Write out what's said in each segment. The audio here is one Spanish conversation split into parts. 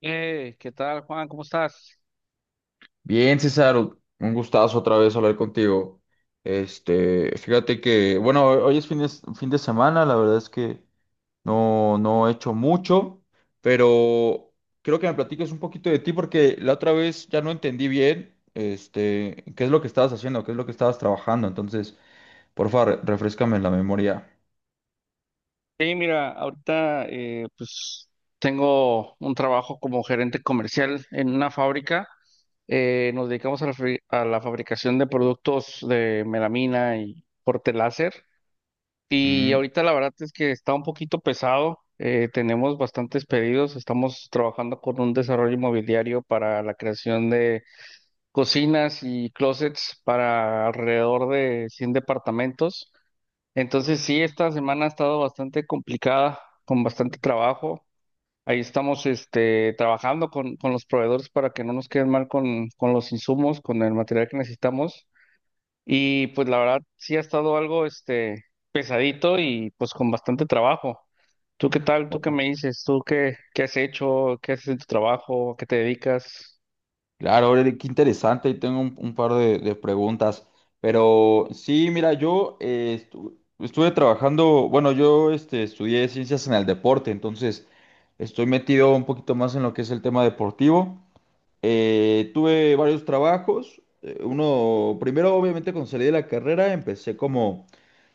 ¿Qué tal, Juan? ¿Cómo estás? Bien, César, un gustazo otra vez hablar contigo. Este, fíjate que, bueno, hoy es fin de semana, la verdad es que no he hecho mucho, pero creo que me platiques un poquito de ti porque la otra vez ya no entendí bien, este, qué es lo que estabas haciendo, qué es lo que estabas trabajando. Entonces, por favor, refréscame la memoria. Hey, mira, ahorita pues tengo un trabajo como gerente comercial en una fábrica. Nos dedicamos a a la fabricación de productos de melamina y corte láser. Y Mm. ahorita la verdad es que está un poquito pesado. Tenemos bastantes pedidos. Estamos trabajando con un desarrollo inmobiliario para la creación de cocinas y closets para alrededor de 100 departamentos. Entonces sí, esta semana ha estado bastante complicada, con bastante trabajo. Ahí estamos este, trabajando con los proveedores para que no nos queden mal con los insumos, con el material que necesitamos. Y pues la verdad sí ha estado algo este, pesadito y pues con bastante trabajo. ¿Tú qué tal? ¿Tú qué me dices? ¿Tú qué has hecho? ¿Qué haces en tu trabajo? ¿A qué te dedicas? Claro, Aureli, qué interesante. Y tengo un par de preguntas. Pero sí, mira, yo estuve trabajando, bueno, yo este, estudié ciencias en el deporte, entonces estoy metido un poquito más en lo que es el tema deportivo. Tuve varios trabajos. Uno, primero, obviamente, cuando salí de la carrera, empecé como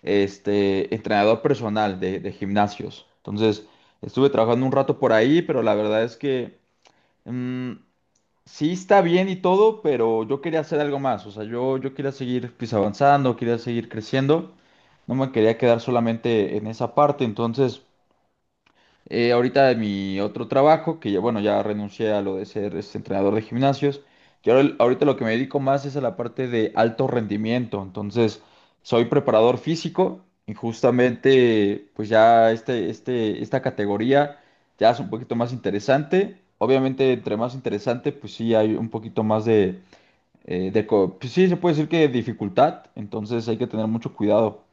este, entrenador personal de gimnasios. Entonces, estuve trabajando un rato por ahí, pero la verdad es que... mm, sí, está bien y todo, pero yo quería hacer algo más. O sea, yo quería seguir pues, avanzando, quería seguir creciendo. No me quería quedar solamente en esa parte. Entonces, ahorita de mi otro trabajo, que ya, bueno, ya renuncié a lo de ser este, entrenador de gimnasios, y ahorita lo que me dedico más es a la parte de alto rendimiento. Entonces, soy preparador físico y justamente, pues ya este, esta categoría ya es un poquito más interesante. Obviamente, entre más interesante, pues sí hay un poquito más de, pues sí, se puede decir que dificultad, entonces hay que tener mucho cuidado.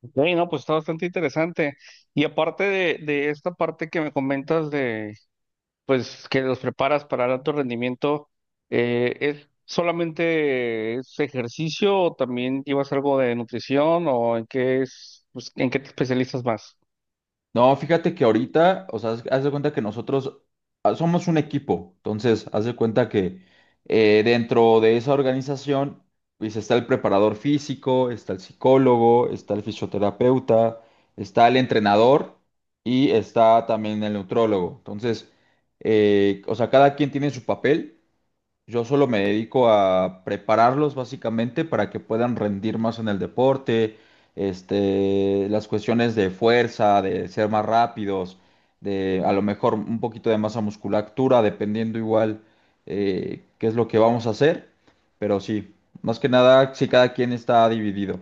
Ok, no, pues está bastante interesante. Y aparte de esta parte que me comentas de, pues que los preparas para el alto rendimiento, ¿es solamente es ejercicio o también llevas algo de nutrición o en qué es, pues, en qué te especializas más? No, fíjate que ahorita, o sea, haz de cuenta que nosotros somos un equipo, entonces haz de cuenta que dentro de esa organización, pues está el preparador físico, está el psicólogo, está el fisioterapeuta, está el entrenador y está también el neutrólogo. Entonces, o sea, cada quien tiene su papel. Yo solo me dedico a prepararlos básicamente para que puedan rendir más en el deporte, este, las cuestiones de fuerza, de ser más rápidos, de a lo mejor un poquito de masa musculatura, dependiendo igual qué es lo que vamos a hacer. Pero sí, más que nada, si cada quien está dividido.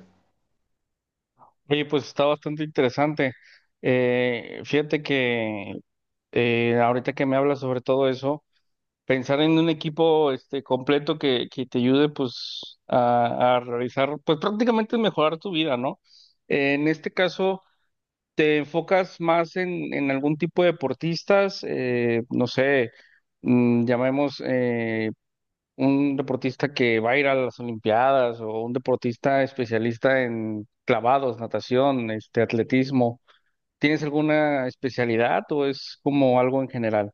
Oye, pues está bastante interesante. Fíjate que ahorita que me hablas sobre todo eso, pensar en un equipo este completo que te ayude pues a realizar, pues prácticamente mejorar tu vida, ¿no? En este caso, ¿te enfocas más en algún tipo de deportistas? No sé, mm, llamemos un deportista que va a ir a las Olimpiadas o un deportista especialista en clavados, natación, este, atletismo. ¿Tienes alguna especialidad o es como algo en general?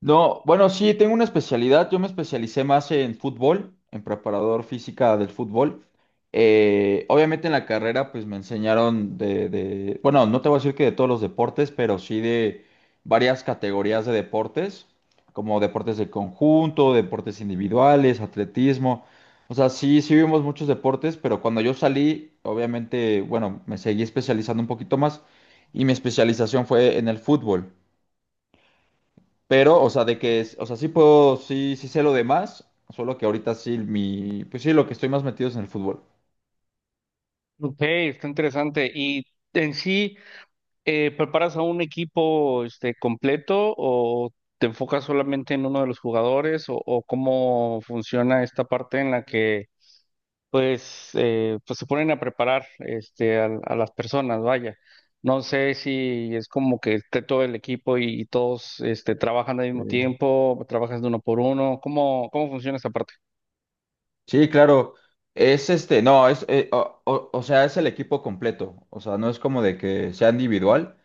No, bueno, sí, tengo una especialidad. Yo me especialicé más en fútbol, en preparador física del fútbol. Obviamente en la carrera, pues me enseñaron bueno, no te voy a decir que de todos los deportes, pero sí de varias categorías de deportes, como deportes de conjunto, deportes individuales, atletismo. O sea, sí vimos muchos deportes, pero cuando yo salí, obviamente, bueno, me seguí especializando un poquito más y mi especialización fue en el fútbol. Pero, o sea, de que, o sea, sí puedo, sí sé lo demás, solo que ahorita sí mi, pues sí, lo que estoy más metido es en el fútbol. Ok, está interesante. Y en sí... ¿Preparas a un equipo este, completo o te enfocas solamente en uno de los jugadores o cómo funciona esta parte en la que pues, pues se ponen a preparar este, las personas, vaya? No sé si es como que esté todo el equipo y todos este, trabajan al mismo Sí. tiempo, trabajas de uno por uno, ¿cómo, cómo funciona esta parte? Sí, claro. Es este, no, o sea, es el equipo completo. O sea, no es como de que sea individual,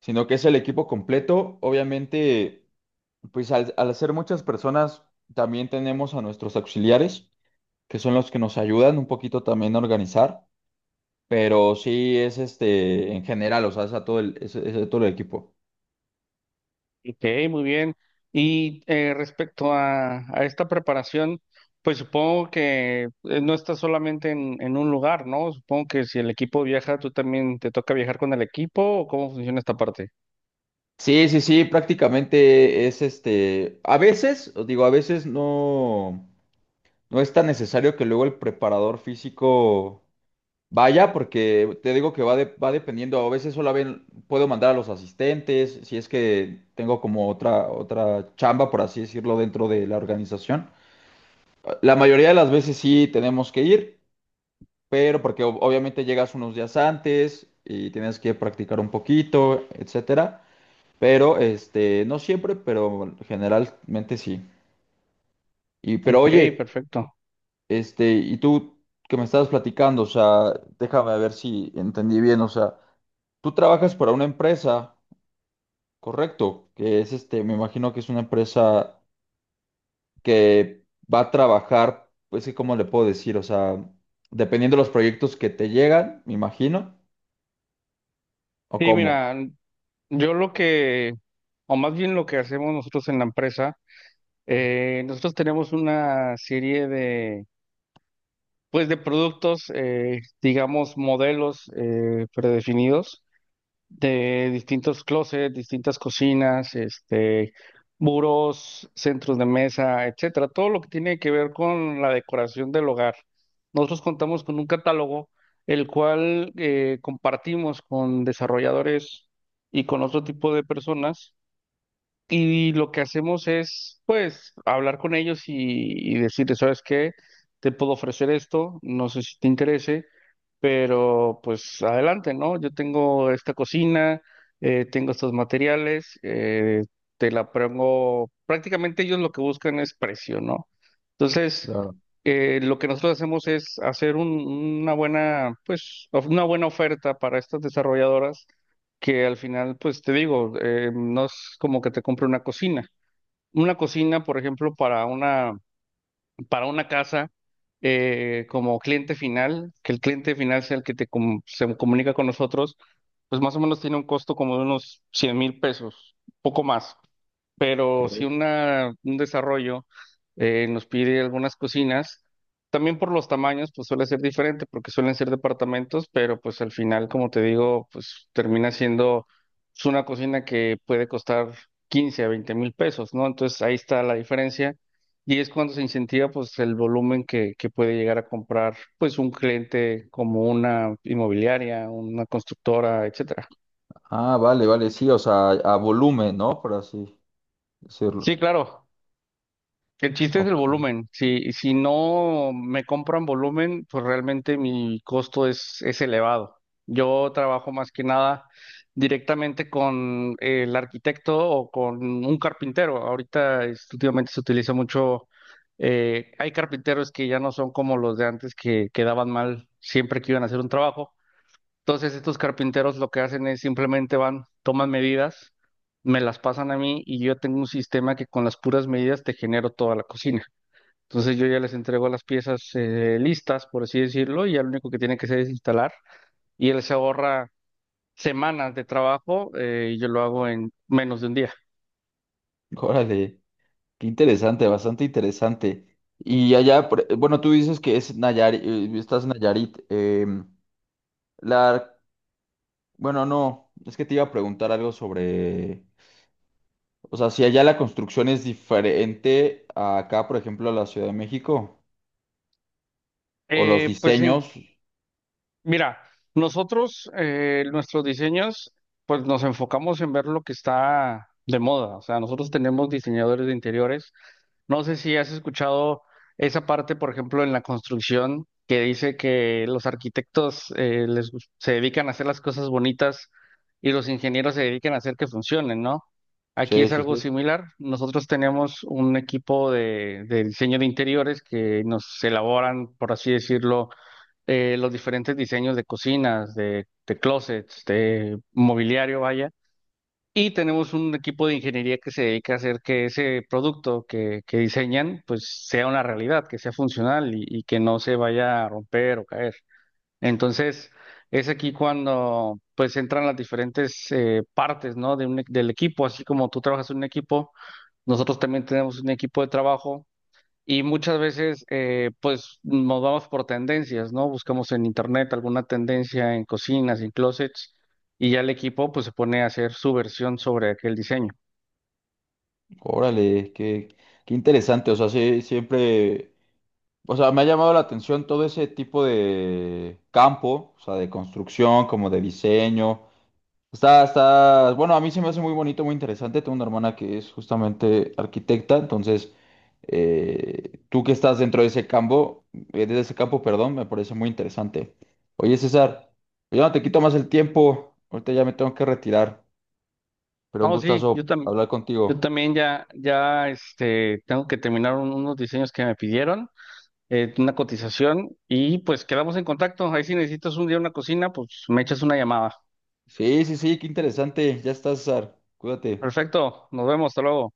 sino que es el equipo completo. Obviamente, pues al ser muchas personas, también tenemos a nuestros auxiliares, que son los que nos ayudan un poquito también a organizar. Pero sí es este, en general, o sea, es a todo el, es a todo el equipo. Ok, muy bien. Y respecto a esta preparación, pues supongo que no está solamente en un lugar, ¿no? Supongo que si el equipo viaja, tú también te toca viajar con el equipo, ¿o cómo funciona esta parte? Sí, sí, sí, prácticamente es este, a veces, os digo, a veces no, no es tan necesario que luego el preparador físico vaya, porque te digo que va dependiendo, a veces puedo mandar a los asistentes, si es que tengo como otra, otra chamba, por así decirlo, dentro de la organización. La mayoría de las veces sí tenemos que ir, pero porque obviamente llegas unos días antes y tienes que practicar un poquito, etcétera. Pero, este, no siempre, pero generalmente sí. Y, pero Ok, oye, perfecto. este, y tú que me estabas platicando, o sea, déjame ver si entendí bien, o sea, tú trabajas para una empresa, correcto, que es este, me imagino que es una empresa que va a trabajar, pues sí cómo le puedo decir, o sea, dependiendo de los proyectos que te llegan, me imagino, o Sí, cómo. mira, yo lo que, o más bien lo que hacemos nosotros en la empresa, nosotros tenemos una serie de, pues de productos, digamos, modelos predefinidos de distintos closets, distintas cocinas, este, muros, centros de mesa, etcétera, todo lo que tiene que ver con la decoración del hogar. Nosotros contamos con un catálogo el cual compartimos con desarrolladores y con otro tipo de personas y lo que hacemos es pues hablar con ellos y decirles, ¿sabes qué? Te puedo ofrecer esto, no sé si te interese, pero pues adelante, ¿no? Yo tengo esta cocina, tengo estos materiales, te la pongo, prácticamente ellos lo que buscan es precio, ¿no? Entonces, Claro. Lo que nosotros hacemos es hacer una buena, pues, una buena oferta para estas desarrolladoras que al final, pues te digo, no es como que te compre una cocina. Una cocina, por ejemplo, para una casa como cliente final, que el cliente final sea el que se comunica con nosotros, pues más o menos tiene un costo como de unos 100,000 pesos, poco más, pero si Que... una, un desarrollo nos pide algunas cocinas, también por los tamaños, pues suele ser diferente, porque suelen ser departamentos, pero pues al final, como te digo, pues termina siendo pues, una cocina que puede costar 15 a 20 mil pesos, ¿no? Entonces ahí está la diferencia. Y es cuando se incentiva pues el volumen que puede llegar a comprar pues un cliente como una inmobiliaria, una constructora, etcétera. Ah, vale, vale, sí, o sea, a volumen, ¿no? Por así decirlo. Sí, claro. El chiste es el Ok. volumen. Si no me compran volumen, pues realmente mi costo es elevado. Yo trabajo más que nada directamente con el arquitecto o con un carpintero. Ahorita, este, últimamente se utiliza mucho, hay carpinteros que ya no son como los de antes que quedaban mal siempre que iban a hacer un trabajo. Entonces estos carpinteros lo que hacen es simplemente van, toman medidas, me las pasan a mí y yo tengo un sistema que con las puras medidas te genero toda la cocina. Entonces yo ya les entrego las piezas listas, por así decirlo, y ya lo único que tiene que hacer es instalar y él se ahorra semanas de trabajo y yo lo hago en menos de un día. Órale. Qué interesante, bastante interesante. Y allá, bueno, tú dices que es Nayarit, estás en Nayarit. La, bueno, no, es que te iba a preguntar algo sobre, o sea, si allá la construcción es diferente a acá, por ejemplo, a la Ciudad de México, o los Pues en... diseños. Mira, nosotros, nuestros diseños, pues nos enfocamos en ver lo que está de moda. O sea, nosotros tenemos diseñadores de interiores. No sé si has escuchado esa parte, por ejemplo, en la construcción, que dice que los arquitectos se dedican a hacer las cosas bonitas y los ingenieros se dedican a hacer que funcionen, ¿no? Aquí Sí, es sí, algo sí. similar. Nosotros tenemos un equipo de diseño de interiores que nos elaboran, por así decirlo, los diferentes diseños de cocinas, de closets, de mobiliario, vaya. Y tenemos un equipo de ingeniería que se dedica a hacer que ese producto que diseñan, pues sea una realidad, que sea funcional y que no se vaya a romper o caer. Entonces, es aquí cuando pues entran las diferentes partes, ¿no? De del equipo, así como tú trabajas en un equipo, nosotros también tenemos un equipo de trabajo y muchas veces, pues nos vamos por tendencias, ¿no? Buscamos en internet alguna tendencia en cocinas, en closets, y ya el equipo, pues se pone a hacer su versión sobre aquel diseño. Órale, qué, qué interesante. O sea, sí, siempre, o sea, me ha llamado la atención todo ese tipo de campo, o sea, de construcción, como de diseño. Bueno, a mí se me hace muy bonito, muy interesante. Tengo una hermana que es justamente arquitecta, entonces tú que estás dentro de ese campo, perdón, me parece muy interesante. Oye, César, yo no te quito más el tiempo, ahorita ya me tengo que retirar, pero un No, sí, yo gustazo también. hablar Yo contigo. también ya, ya este, tengo que terminar unos diseños que me pidieron, una cotización, y pues quedamos en contacto. Ahí si necesitas un día una cocina, pues me echas una llamada. Sí, sí, sí, qué interesante, ya estás, César, cuídate. Perfecto, nos vemos, hasta luego.